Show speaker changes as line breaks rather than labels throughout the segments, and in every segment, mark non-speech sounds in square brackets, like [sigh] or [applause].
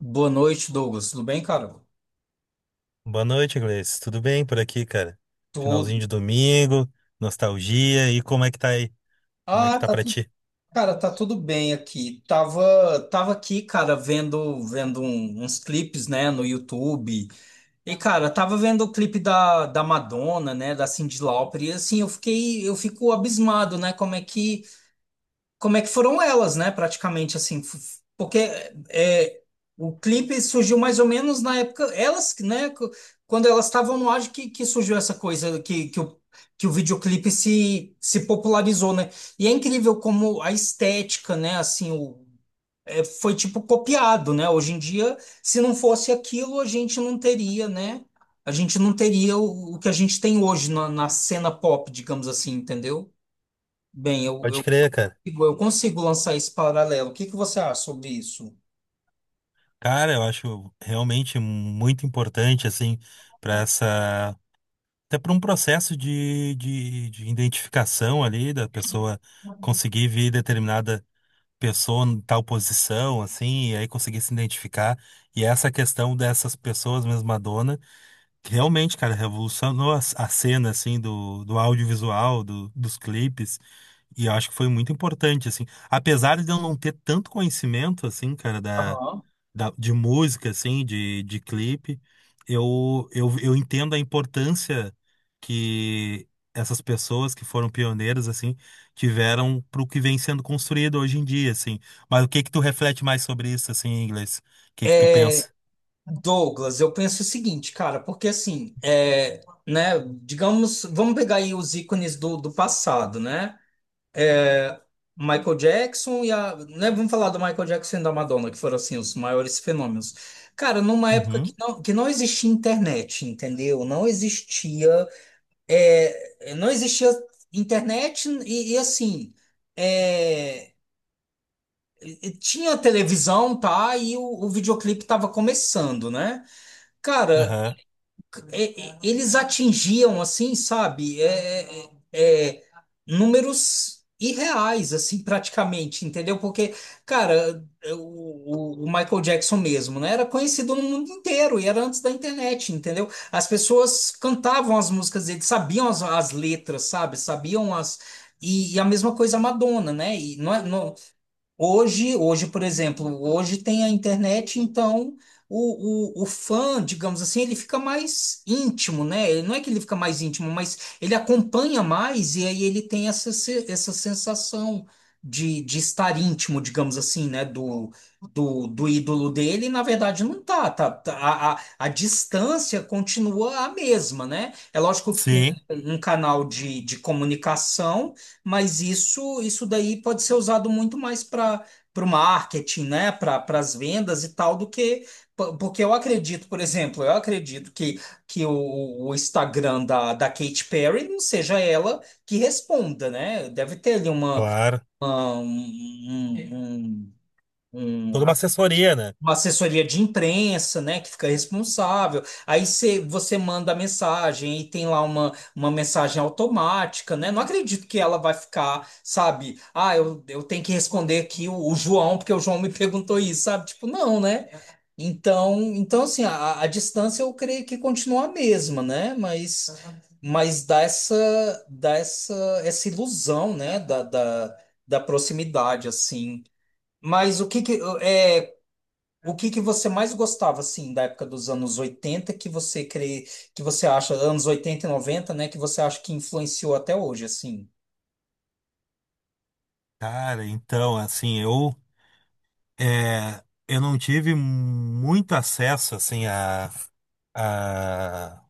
Boa noite, Douglas. Tudo bem, cara?
Boa noite, Gleice. Tudo bem por aqui, cara?
Tudo.
Finalzinho de domingo, nostalgia. E como é que tá aí? Como é que
Ah,
tá
tá
pra
tudo,
ti?
tá tudo bem aqui. Tava aqui, cara, uns clipes, né, no YouTube. E, cara, tava vendo o clipe da Madonna, né, da Cyndi Lauper. E assim, eu fico abismado, né? Como é que foram elas, né? Praticamente assim, porque é, o clipe surgiu mais ou menos na época, elas, né? Quando elas estavam no ar que surgiu essa coisa que o videoclipe se popularizou, né? E é incrível como a estética, né? Assim, foi tipo copiado, né? Hoje em dia, se não fosse aquilo, a gente não teria, né? A gente não teria o que a gente tem hoje na cena pop, digamos assim, entendeu? Bem, eu,
Pode
eu
crer, cara.
Igor, eu consigo lançar esse paralelo. O que que você acha sobre isso?
Cara, eu acho realmente muito importante, assim, pra essa. Até para um processo de identificação ali, da pessoa conseguir ver determinada pessoa em tal posição, assim, e aí conseguir se identificar. E essa questão dessas pessoas mesma. Realmente, cara, revolucionou a cena, assim, do audiovisual, dos clipes, e eu acho que foi muito importante, assim. Apesar de eu não ter tanto conhecimento, assim, cara, da, de música, assim, de clipe, eu entendo a importância que essas pessoas que foram pioneiras, assim, tiveram pro que vem sendo construído hoje em dia, assim. Mas o que que tu reflete mais sobre isso, assim, em inglês? O que que tu
É,
pensa?
Douglas, eu penso o seguinte, cara, porque assim, né, digamos, vamos pegar aí os ícones do passado, né? Michael Jackson e a, né, Vamos falar do Michael Jackson e da Madonna, que foram assim os maiores fenômenos. Cara, numa época
Uhum.
que não existia internet, entendeu? Não existia, não existia internet e assim, é, tinha televisão, tá? E o videoclipe tava começando, né? Cara,
Aham.
eles atingiam, assim, sabe? Números irreais, assim, praticamente, entendeu? Porque, cara, o Michael Jackson mesmo, né? Era conhecido no mundo inteiro e era antes da internet, entendeu? As pessoas cantavam as músicas dele, sabiam as letras, sabe? Sabiam as. E a mesma coisa a Madonna, né? E não é, não, Hoje, hoje, por exemplo, hoje tem a internet, então o fã, digamos assim, ele fica mais íntimo, né? Ele... Não é que ele fica mais íntimo, mas ele acompanha mais e aí ele tem essa, essa sensação de estar íntimo, digamos assim, né? Do ídolo dele, e, na verdade, não tá, a distância continua a mesma, né? É lógico que tem
Sim,
um canal de comunicação. Mas isso daí pode ser usado muito mais para o marketing, né? Para as vendas e tal, do que. Porque eu acredito, por exemplo, eu acredito que o Instagram da Katy Perry não seja ela que responda, né? Deve ter ali uma,
claro.
um, um, um- um- um
Toda uma assessoria, né?
uma assessoria de imprensa, né, que fica responsável. Aí você manda a mensagem e tem lá uma mensagem automática, né? Não acredito que ela vai ficar, sabe? Ah, eu tenho que responder aqui o João, porque o João me perguntou isso, sabe? Tipo, não, né? Então assim, a distância eu creio que continua a mesma, né? Mas, uhum, mas dá essa, essa ilusão, né, da proximidade, assim. Mas o que que, o que que você mais gostava, assim, da época dos anos 80 que você crê, que você acha, anos 80 e noventa, né, que você acha que influenciou até hoje, assim?
Cara, então, assim, eu não tive muito acesso, assim, a,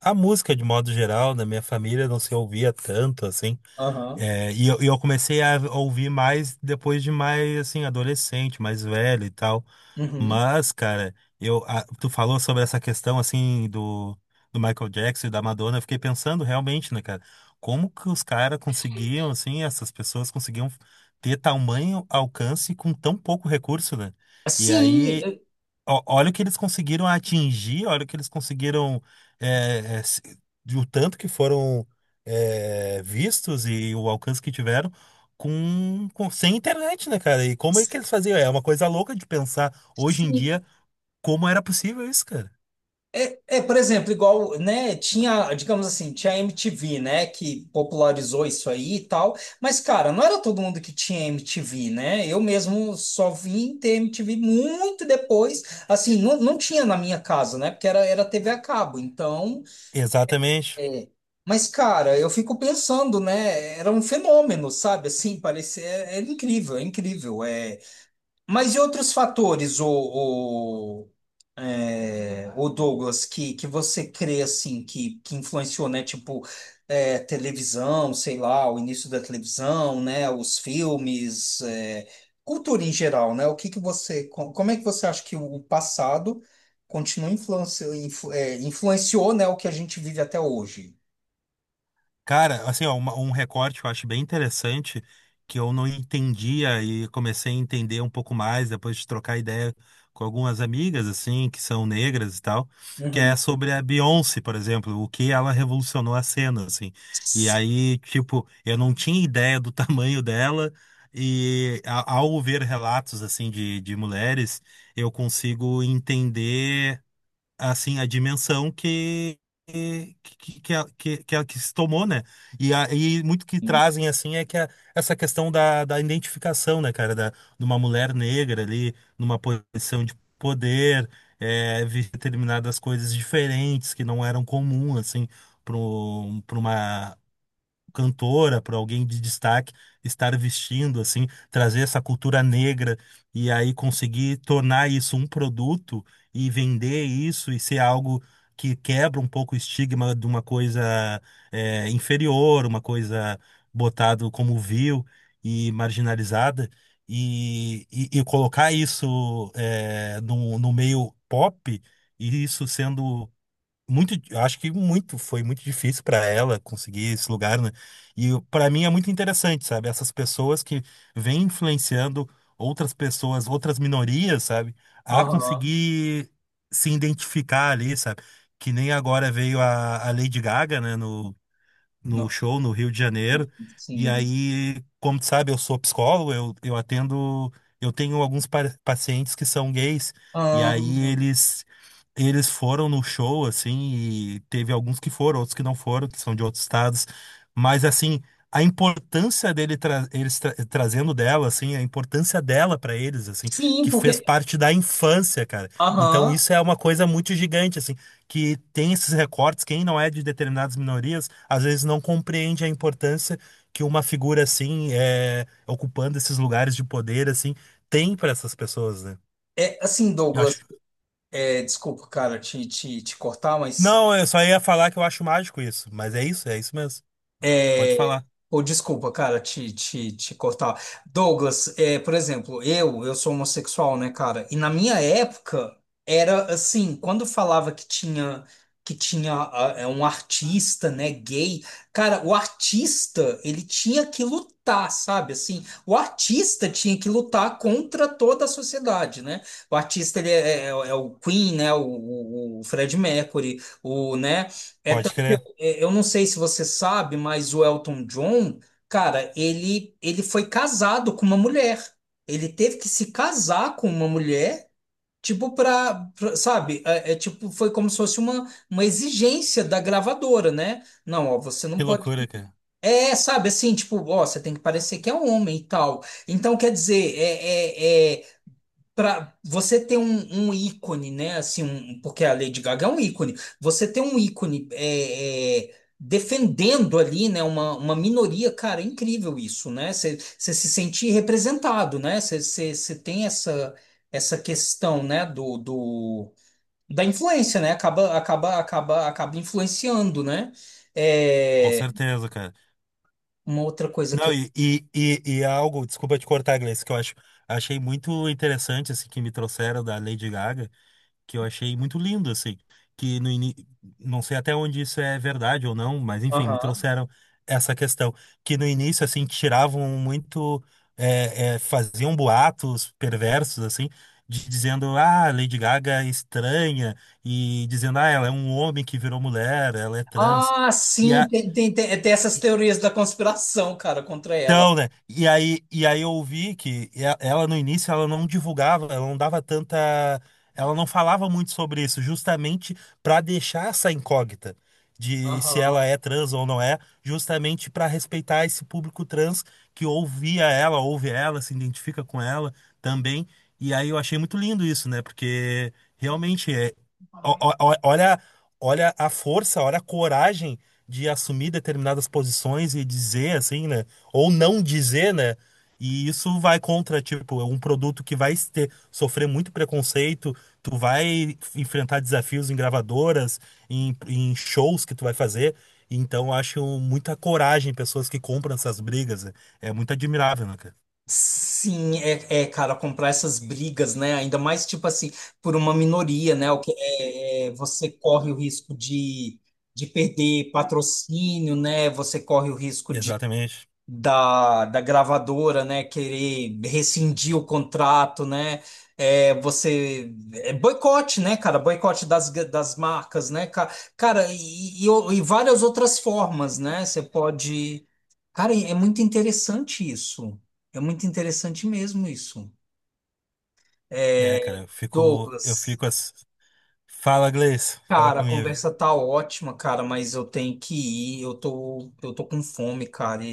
a música de modo geral, na minha família não se ouvia tanto, assim.
Aham.
É, e eu comecei a ouvir mais depois de mais, assim, adolescente, mais velho e tal.
Uhum.
Mas, cara, tu falou sobre essa questão, assim, do, do Michael Jackson e da Madonna. Eu fiquei pensando realmente, né, cara, como que os caras conseguiam, assim, essas pessoas conseguiam ter tamanho alcance com tão pouco recurso, né? E
Sim,
aí,
eh,
Olha o que eles conseguiram atingir, olha o que eles conseguiram, é, é, se- de o tanto que foram, vistos e o alcance que tiveram com, sem internet, né, cara? E como é que eles faziam? É uma coisa louca de pensar hoje em
sim.
dia como era possível isso, cara.
Por exemplo, igual, né, tinha, digamos assim, tinha a MTV, né, que popularizou isso aí e tal, mas, cara, não era todo mundo que tinha MTV, né? Eu mesmo só vim ter MTV muito depois, assim, não, não tinha na minha casa, né, porque era TV a cabo, então...
Exatamente.
É. Mas, cara, eu fico pensando, né? Era um fenômeno, sabe? Assim, parecia. É, é incrível, é incrível. É... Mas e outros fatores, o Douglas, que você crê, assim, que influenciou, né? Tipo, televisão, sei lá, o início da televisão, né? Os filmes, cultura em geral, né? O que que você. Como é que você acha que o passado continua influenciou, né? O que a gente vive até hoje?
Cara, assim, ó, um recorte que eu acho bem interessante, que eu não entendia e comecei a entender um pouco mais depois de trocar ideia com algumas amigas, assim, que são negras e tal, que
Uhum.
é sobre a Beyoncé, por exemplo, o que ela revolucionou a cena, assim. E
Sim.
aí, tipo, eu não tinha ideia do [laughs] tamanho dela, e ao ver relatos, assim, de mulheres, eu consigo entender, assim, a dimensão que a- que se tomou, né? E muito que trazem, assim, é que essa questão da, da identificação, né, cara? Da, de uma mulher negra ali, numa posição de poder, é, vi determinadas coisas diferentes que não eram comum, assim, para uma cantora, para alguém de destaque estar vestindo assim, trazer essa cultura negra e aí conseguir tornar isso um produto e vender isso e ser algo que quebra um pouco o estigma de uma coisa, é, inferior, uma coisa botado como vil e marginalizada e colocar isso, é, no meio pop, e isso sendo muito, eu acho que muito, foi muito difícil para ela conseguir esse lugar, né? E para mim é muito interessante, sabe? Essas pessoas que vêm influenciando outras pessoas, outras minorias, sabe? A
Aham.
conseguir se identificar ali, sabe? Que nem agora veio a Lady Gaga, né? No
Não.
show no Rio de Janeiro. E
Sim.
aí, como tu sabe, eu sou psicólogo, eu atendo, eu tenho alguns pacientes que são gays, e aí
Ahn,
eles foram no show assim, e teve alguns que foram, outros que não foram, que são de outros estados, mas assim, a importância dele tra eles tra- trazendo dela assim, a importância dela pra eles assim,
sim,
que fez
porque.
parte da infância, cara. Então
Aham.
isso é uma coisa muito gigante assim, que tem esses recortes, quem não é de determinadas minorias, às vezes não compreende a importância que uma figura assim, é, ocupando esses lugares de poder assim, tem para essas pessoas, né?
É assim,
Eu acho...
Douglas. Desculpa, cara, te cortar, mas
Não, eu só ia falar que eu acho mágico isso, mas é isso mesmo. Pode falar,
ou desculpa, cara, te cortar. Douglas, por exemplo, eu sou homossexual, né, cara? E na minha época era assim, quando falava que tinha um artista, né, gay, cara, o artista, ele tinha que lutar, sabe? Assim, o artista tinha que lutar contra toda a sociedade, né? O artista ele é o Queen, né, o Fred Mercury, o, né, é
pode crer.
eu não sei se você sabe, mas o Elton John, cara, ele foi casado com uma mulher. Ele teve que se casar com uma mulher, tipo sabe? Tipo foi como se fosse uma exigência da gravadora, né? Não, ó, você não
Que
pode.
loucura, cara.
É, sabe assim, tipo, ó, você tem que parecer que é um homem e tal. Então quer dizer, pra você ter um ícone, né? Assim, porque a Lady Gaga é um ícone. Você ter um ícone defendendo ali, né? Uma minoria, cara, é incrível isso, né? Você você se sente representado, né? Você tem essa, essa questão, né? Da influência, né? Acaba, acaba influenciando, né?
Com
É,
certeza, cara.
uma outra coisa que.
Não, e algo, desculpa te cortar, Gleice, que eu acho, achei muito interessante, assim, que me trouxeram da Lady Gaga, que eu achei muito lindo, assim, que no ini... não sei até onde isso é verdade ou não, mas enfim, me
Aham.
trouxeram essa questão, que no início, assim, tiravam muito, faziam boatos perversos, assim, dizendo, ah, Lady Gaga é estranha, e dizendo, ah, ela é um homem que virou mulher, ela é trans,
Ah,
e
sim,
a...
tem essas teorias da conspiração, cara, contra ela.
então, né? E aí, eu ouvi que ela no início ela não divulgava, ela não dava tanta, ela não falava muito sobre isso, justamente para deixar essa incógnita de se
Aham.
ela é trans ou não é, justamente para respeitar esse público trans que ouvia ela, ouve ela, se identifica com ela também. E aí eu achei muito lindo isso, né? Porque realmente é, olha, olha a força, olha a coragem de assumir determinadas posições e dizer assim, né? Ou não dizer, né? E isso vai contra, tipo, é um produto que vai ter, sofrer muito preconceito, tu vai enfrentar desafios em gravadoras, em shows que tu vai fazer. Então, eu acho muita coragem em pessoas que compram essas brigas, né? É muito admirável, né, cara?
Cara, comprar essas brigas, né? Ainda mais, tipo assim, por uma minoria, né? O que é, você corre o risco de perder patrocínio, né? Você corre o risco
Exatamente.
da gravadora, né, querer rescindir o contrato, né, é boicote, né, cara, boicote das marcas, né, cara, e várias outras formas, né, você pode, cara, é muito interessante isso, é muito interessante mesmo isso.
É, cara,
É,
eu
Douglas,
fico assim. Fala, Gleice, fala
cara, a
comigo.
conversa tá ótima, cara, mas eu tenho que ir, eu tô com fome, cara.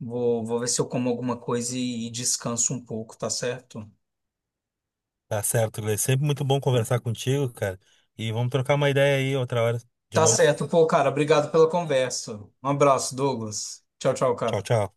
Vou ver se eu como alguma coisa e descanso um pouco, tá certo?
Tá certo, Gleice. Sempre muito bom conversar contigo, cara. E vamos trocar uma ideia aí outra hora de
Tá
novo.
certo. Pô, cara, obrigado pela conversa. Um abraço, Douglas. Tchau, tchau,
Tchau,
cara.
tchau.